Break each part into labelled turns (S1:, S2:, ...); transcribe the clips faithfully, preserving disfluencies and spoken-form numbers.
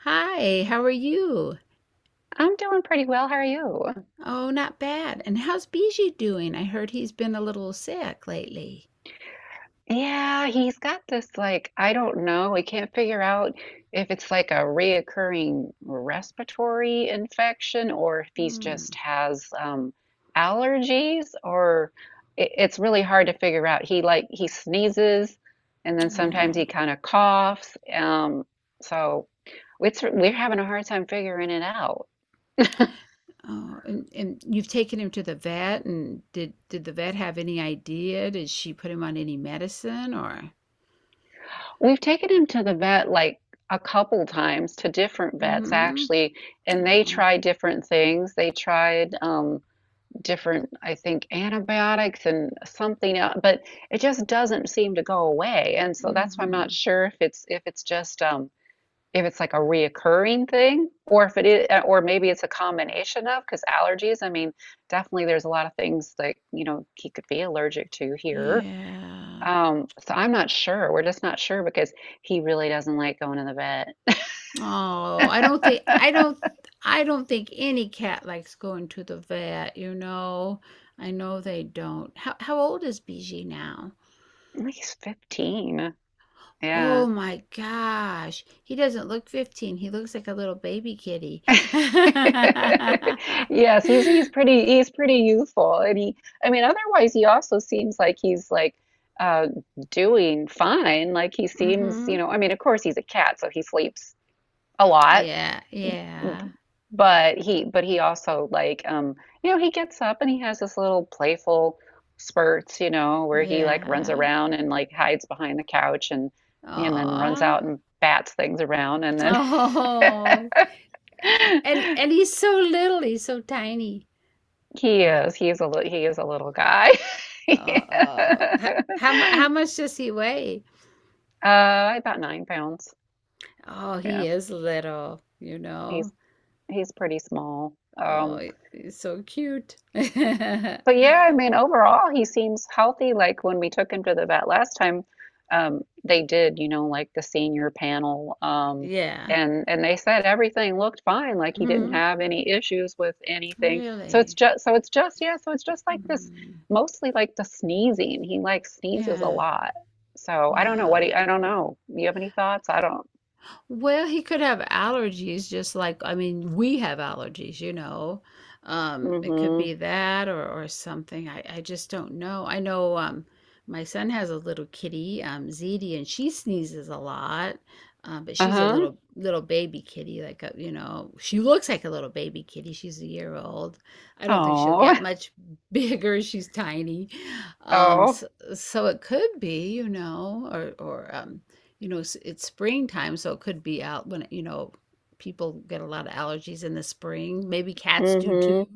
S1: Hi, how are you?
S2: I'm doing pretty well. How are you?
S1: Oh, not bad. And how's Bijou doing? I heard he's been a little sick lately.
S2: Yeah, he's got this like, I don't know. We can't figure out if it's like a reoccurring respiratory infection or if he's
S1: Hmm.
S2: just has um, allergies or it, it's really hard to figure out. He like he sneezes and then sometimes he
S1: Oh,
S2: kind of coughs. Um, so it's we're having a hard time figuring it out.
S1: oh. And, and you've taken him to the vet, and did did the vet have any idea? Did she put him on any medicine or?
S2: We've taken him to the vet like a couple times to different vets
S1: Mm-hmm.
S2: actually, and they
S1: Oh,
S2: tried different things. They tried um, different, I think, antibiotics and something else, but it just doesn't seem to go away. And so that's why I'm not
S1: mm-hmm.
S2: sure if it's if it's just um, if it's like a reoccurring thing, or if it is, uh, or maybe it's a combination of because allergies. I mean, definitely there's a lot of things that you know he could be allergic to here.
S1: Yeah.
S2: Um, so I'm not sure. We're just not sure because he really doesn't like going to the vet.
S1: Oh, I don't think I don't I don't think any cat likes going to the vet, you know. I know they don't. How how old is Bijou now?
S2: Like, he's fifteen. Yeah.
S1: Oh my gosh. He doesn't look fifteen. He looks like a little baby kitty.
S2: Yes, he's he's pretty he's pretty youthful and he I mean otherwise he also seems like he's like uh doing fine. Like he seems,
S1: Mm-hmm.
S2: you know, I mean of course he's a cat so he sleeps a lot.
S1: Yeah, yeah,
S2: But he, but he also like, um, you know, he gets up and he has this little playful spurts, you know, where he like runs
S1: yeah.
S2: around and like hides behind the couch and and then runs
S1: Aw.
S2: out and bats things around and then
S1: Oh. And and he's so little, he's so tiny.
S2: he is he is a li- he is a little guy.
S1: Oh.
S2: Yeah.
S1: How, how mu- how much does he weigh?
S2: Uh, about nine pounds.
S1: Oh, he
S2: Yeah,
S1: is little, you know.
S2: he's he's pretty small.
S1: Oh,
S2: Um,
S1: he- he's so cute.
S2: But yeah, I mean, overall, he seems healthy. Like when we took him to the vet last time, um, they did, you know, like the senior panel, um,
S1: Yeah.
S2: and and they said everything looked fine. Like he didn't
S1: Hmm.
S2: have any issues with anything. So it's
S1: Really.
S2: just, so it's just, yeah, so it's just like this,
S1: Mhm.
S2: mostly like the sneezing. He like sneezes a
S1: Yeah.
S2: lot. So I don't know what he,
S1: Wow.
S2: I don't know. You have any thoughts? I don't.
S1: Well, he could have allergies, just, like I mean, we have allergies, you know. Um, it could
S2: Mm-hmm.
S1: be that or or something. I I just don't know. I know um my son has a little kitty, um Zeddy, and she sneezes a lot. Um, but she's a
S2: Uh-huh.
S1: little little baby kitty, like, a, you know, she looks like a little baby kitty. She's a year old. I don't think she'll
S2: Oh.
S1: get much bigger. She's tiny. Um, so,
S2: Oh.
S1: so it could be, you know, or or um you know, it's springtime, so it could be out when, you know, people get a lot of allergies in the spring. Maybe cats do too,
S2: Mm-hmm.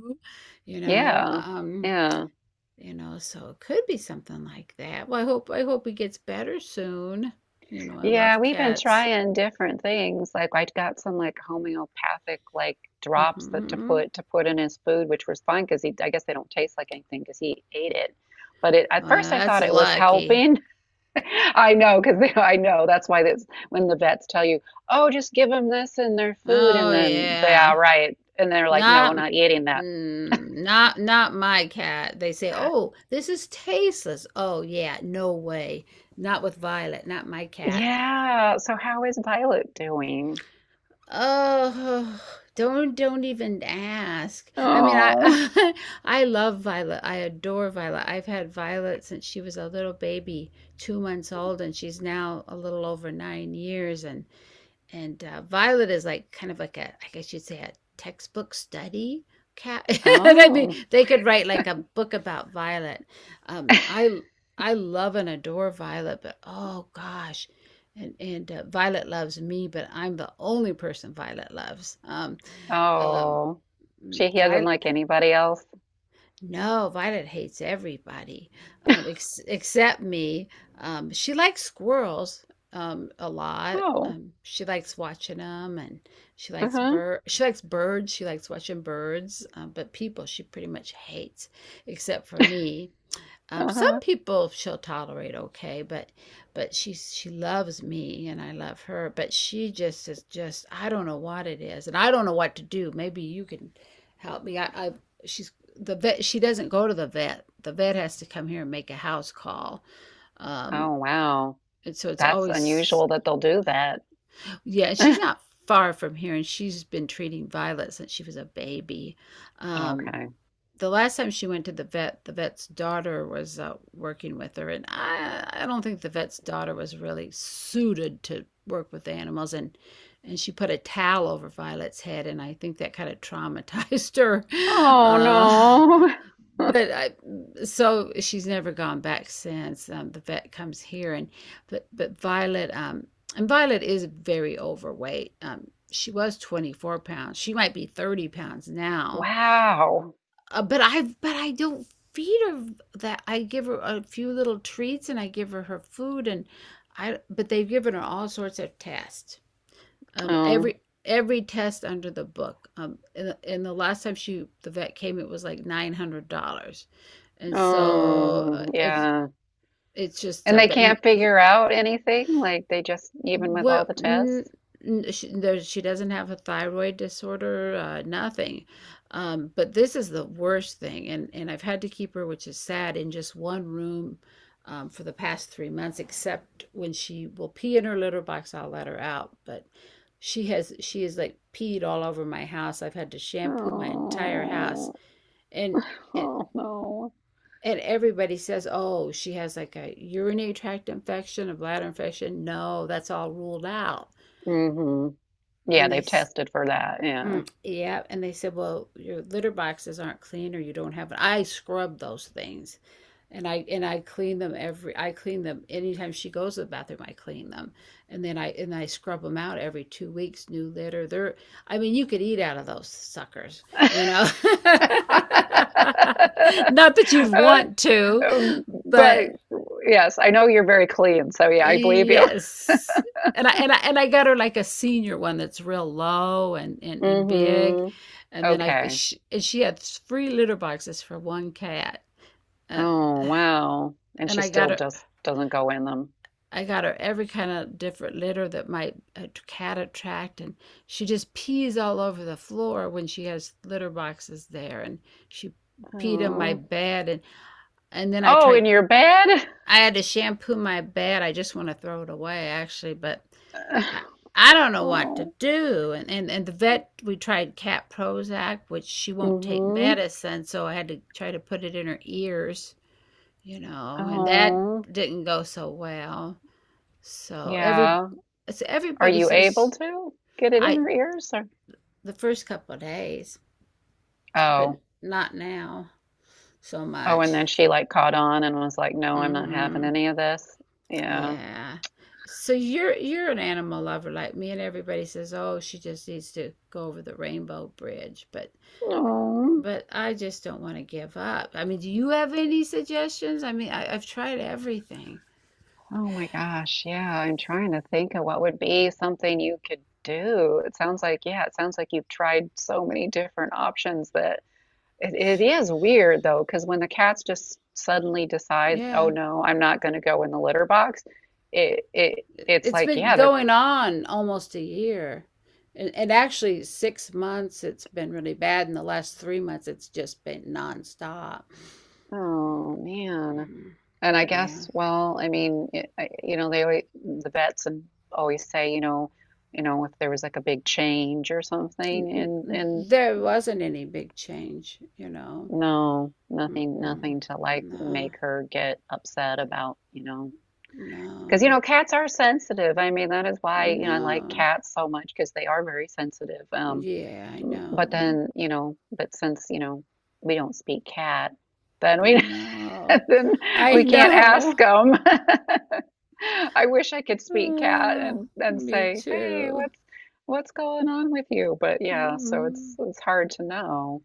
S1: you know.
S2: Yeah.
S1: Um,
S2: Yeah.
S1: you know, so it could be something like that. Well, I hope I hope it gets better soon. You know, I
S2: Yeah,
S1: love
S2: we've been
S1: cats.
S2: trying different things. Like I got some like homeopathic like drops that to
S1: Hmm.
S2: put to put in his food, which was fine because he I guess they don't taste like anything because he ate it. But it, at
S1: Well,
S2: first I
S1: that's
S2: thought it was
S1: lucky.
S2: helping. I know because I know that's why that's when the vets tell you, oh, just give them this in their food,
S1: Oh
S2: and then they
S1: yeah.
S2: are right, and they're like, no,
S1: Not
S2: we're not eating that.
S1: mm, not not my cat. They say, "Oh, this is tasteless." Oh yeah, no way. Not with Violet, not my cat.
S2: Yeah. So how is Violet doing?
S1: Oh, don't don't even ask. I mean, I,
S2: Oh,
S1: I love Violet. I adore Violet. I've had Violet since she was a little baby, two months old, and she's now a little over nine years. And and uh, Violet is like, kind of like a, I guess you'd say, a textbook study cat. I mean,
S2: oh.
S1: they could write like a book about Violet. Um, I I love and adore Violet, but oh gosh, and and uh, Violet loves me, but I'm the only person Violet loves. Um, um,
S2: Oh, she he does not
S1: Violet.
S2: like anybody else.
S1: No, Violet hates everybody, um, ex except me. Um, she likes squirrels um, a lot.
S2: Oh,
S1: Um, she likes watching them, and she likes
S2: uh-huh,
S1: bird. She likes birds. She likes watching birds. Um, but people, she pretty much hates, except for me. Um, some
S2: uh-huh.
S1: people she'll tolerate okay, but but she she loves me and I love her, but she just is, just, I don't know what it is, and I don't know what to do. Maybe you can help me. I, I she's the vet. She doesn't go to the vet. The vet has to come here and make a house call. Um,
S2: Oh, wow.
S1: and so it's
S2: That's
S1: always,
S2: unusual that they'll do that.
S1: yeah. And she's not far from here, and she's been treating Violet since she was a baby. Um,
S2: Okay.
S1: the last time she went to the vet, the vet's daughter was uh, working with her, and I I don't think the vet's daughter was really suited to work with the animals, and and she put a towel over Violet's head, and I think that kind of traumatized her.
S2: Oh
S1: Uh,
S2: no.
S1: but I, so she's never gone back since. Um, the vet comes here, and but but Violet um and Violet is very overweight. Um, she was twenty-four pounds. She might be thirty pounds now,
S2: Wow.
S1: uh, but I but I don't feed her that. I give her a few little treats and I give her her food, and I, but they've given her all sorts of tests. Um,
S2: Oh,
S1: every every test under the book. Um, and, the- and the last time she the vet came, it was like nine hundred dollars, and so uh,
S2: oh
S1: it's
S2: yeah.
S1: it's just,
S2: And
S1: uh,
S2: they
S1: but.
S2: can't figure out anything, like they just even with all
S1: Well,
S2: the
S1: n
S2: tests.
S1: n she there she doesn't have a thyroid disorder, uh, nothing, um, but this is the worst thing, and and I've had to keep her, which is sad, in just one room, um, for the past three months, except when she will pee in her litter box, I'll let her out, but she has she is, like, peed all over my house. I've had to shampoo my entire house,
S2: Oh,
S1: and and
S2: oh no.
S1: and everybody says, "Oh, she has like a urinary tract infection, a bladder infection." No, that's all ruled out.
S2: Hmm. Yeah,
S1: and they
S2: they've tested for that. Yeah.
S1: mm, yeah, and they said, "Well, your litter boxes aren't clean, or you don't have it." I scrub those things, and i and i clean them every, I clean them anytime she goes to the bathroom, I clean them, and then i and i scrub them out every two weeks, new litter. They're, I mean, you could eat out of those suckers you know Not that you'd want to,
S2: Um, but
S1: but.
S2: yes, I know you're very clean, so yeah, I believe you.
S1: Yes. And I and I and I got her, like, a senior one that's real low and, and, and big,
S2: Mm-hmm.
S1: and then I've
S2: Okay.
S1: she, and she had three litter boxes for one cat, and
S2: Oh, wow. And
S1: and
S2: she
S1: I got
S2: still
S1: her
S2: just doesn't go in them.
S1: I got her every kind of different litter that might a cat attract, and she just pees all over the floor when she has litter boxes there, and she peed on my
S2: Oh.
S1: bed, and and then I
S2: Oh, in
S1: tried.
S2: your bed?
S1: I had to shampoo my bed. I just want to throw it away, actually, but I, I don't know what to
S2: Oh,
S1: do. And, and, and the vet, we tried cat Prozac, which she won't take
S2: mm-hmm,
S1: medicine. So I had to try to put it in her ears, you know, and that
S2: oh,
S1: didn't go so well. So every,
S2: yeah.
S1: so
S2: Are
S1: everybody
S2: you able
S1: says,
S2: to get it in
S1: I,
S2: her ears or?
S1: the first couple of days, but
S2: Oh,
S1: not now so
S2: oh, and
S1: much.
S2: then she like caught on and was like, "No, I'm not having
S1: Hmm.
S2: any of this." Yeah.
S1: Yeah. So you're you're an animal lover like me, and everybody says, "Oh, she just needs to go over the rainbow bridge," but
S2: Oh.
S1: but I just don't want to give up. I mean, do you have any suggestions? I mean, I, I've tried everything.
S2: Oh my gosh, yeah. I'm trying to think of what would be something you could do. It sounds like, yeah, it sounds like you've tried so many different options that it, it is weird though, because when the cats just suddenly decide, oh
S1: Yeah,
S2: no, I'm not going to go in the litter box, it it
S1: It-
S2: it's
S1: has
S2: like,
S1: been
S2: yeah, they're,
S1: going on almost a year. And, and actually, six months, it's been really bad. In the last three months, it's just been nonstop.
S2: oh man.
S1: Mhm.
S2: And I
S1: Yeah.
S2: guess, well, I mean, it, I, you know, they always, the vets and always say, you know, you know, if there was like a big change or something in in
S1: There wasn't any big change, you know.
S2: no, nothing,
S1: Mm-mm.
S2: nothing to like
S1: No,
S2: make her get upset about, you know, because you
S1: no,
S2: know, cats are sensitive. I mean, that is
S1: I
S2: why, you know, I like
S1: know.
S2: cats so much because they are very sensitive. Um,
S1: Yeah, I
S2: m- but
S1: know.
S2: then, you know, but since, you know, we don't speak cat, then
S1: I
S2: we
S1: know.
S2: then
S1: I
S2: we can't ask
S1: know.
S2: them. I wish I could speak cat
S1: Uh,
S2: and and
S1: Me
S2: say, "Hey,
S1: too.
S2: what's what's going on with you?" But yeah, so it's
S1: Mhm.
S2: it's hard to know.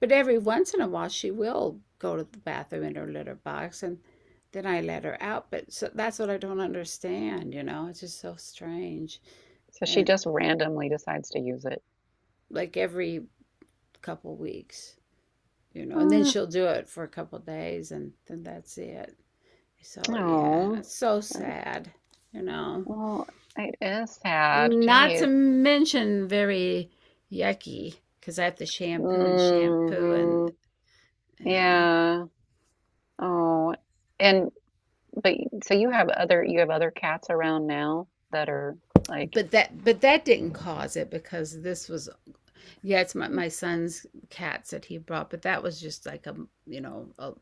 S1: But every once in a while, she will go to the bathroom in her litter box, and then I let her out. But so that's what I don't understand, you know? It's just so strange.
S2: So she
S1: And,
S2: just randomly decides to use it.
S1: like, every couple weeks, you know, and then
S2: Mm,
S1: she'll do it for a couple days, and then that's it. So, yeah,
S2: oh,
S1: it's so sad, you know?
S2: well, it is sad.
S1: Not to
S2: Jeez.
S1: mention very yucky, because I have to shampoo and shampoo
S2: Mm-hmm.
S1: and, yeah.
S2: Yeah. Oh, and but so you have other you have other cats around now that are like
S1: But that but that didn't cause it, because this was, yeah, it's my my son's cats that he brought, but that was just like a you know a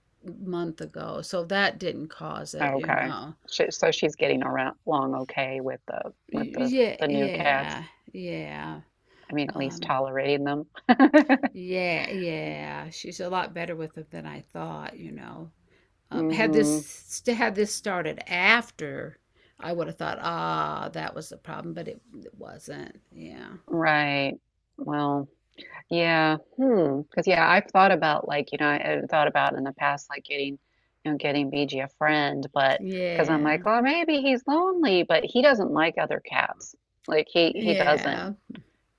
S1: month ago, so that didn't cause it you
S2: okay.
S1: know
S2: She, so she's getting around along okay with the with the
S1: Yeah,
S2: the new cats.
S1: yeah, yeah.
S2: I mean, at least
S1: um
S2: tolerating them.
S1: yeah, yeah, she's a lot better with it than I thought you know Um, had
S2: Mm-hmm.
S1: this had this started after, I would have thought, ah, that was the problem, but it, it wasn't. Yeah,
S2: Right. Well. Yeah. Hmm. Because yeah, I've thought about like, you know, I- I've thought about in the past like getting, you know, getting B G a friend, but because I'm like,
S1: yeah,
S2: oh, maybe he's lonely, but he doesn't like other cats. Like he he doesn't.
S1: yeah.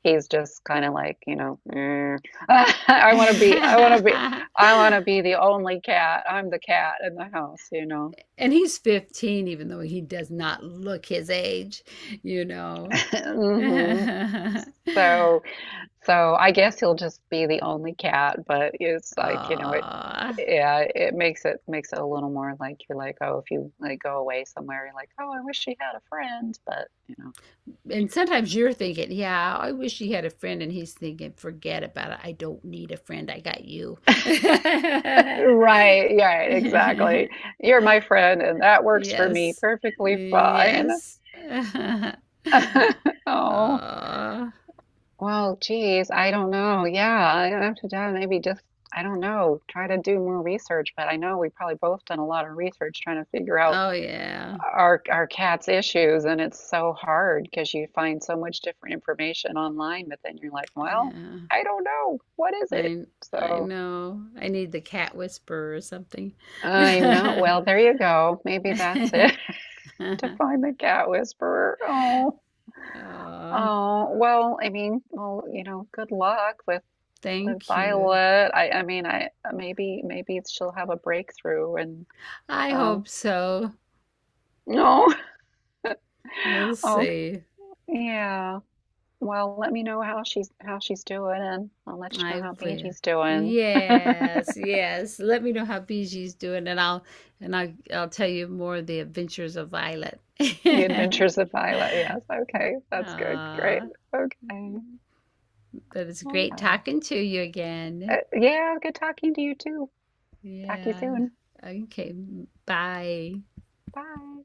S2: He's just kind of like, you know, "Eh, I want to be, I want to be,
S1: And
S2: I want to be the only cat. I'm the cat in the house, you know."
S1: he's fifteen, even though he does not look his age, you know.
S2: Hmm. So so I guess he'll just be the only cat, but it's like, you know, it
S1: Aw.
S2: yeah, it makes it makes it a little more like you're like, oh, if you like go away somewhere, you're like, oh, I wish she had a friend, but you know.
S1: And sometimes you're thinking, yeah, I wish he had a friend, and he's thinking, forget about it. I don't need a friend. I got you.
S2: Right, yeah, exactly. You're my friend and that works for me
S1: Yes.
S2: perfectly fine.
S1: Yes.
S2: Oh.
S1: Oh,
S2: Well, geez, I don't know. Yeah, I have to do maybe just I don't know, try to do more research, but I know we probably both done a lot of research trying to figure out
S1: oh yeah.
S2: our our cat's issues and it's so hard because you find so much different information online but then you're like well
S1: Yeah.
S2: I don't know what is it
S1: I I
S2: so
S1: know. I need the cat whisperer or something.
S2: I know well there you go maybe that's it to find the cat whisperer oh
S1: Oh,
S2: oh well I mean well you know good luck with with
S1: thank you.
S2: Violet I I mean I maybe maybe she'll have a breakthrough and
S1: I
S2: um
S1: hope so.
S2: no
S1: We'll
S2: okay
S1: see.
S2: yeah. Well, let me know how she's how she's doing, and I'll let you know
S1: I
S2: how
S1: will.
S2: B G's doing.
S1: Yes, yes. Let me know how Biji's doing, and I'll and I'll I'll tell you more of the adventures of Violet.
S2: The Adventures of Violet. Yes. Okay. That's good. Great.
S1: Aw.
S2: Okay.
S1: But it was
S2: All
S1: great
S2: right.
S1: talking to you
S2: Uh,
S1: again.
S2: yeah. Good talking to you too. Talk to you
S1: Yeah.
S2: soon.
S1: Okay. Bye.
S2: Bye.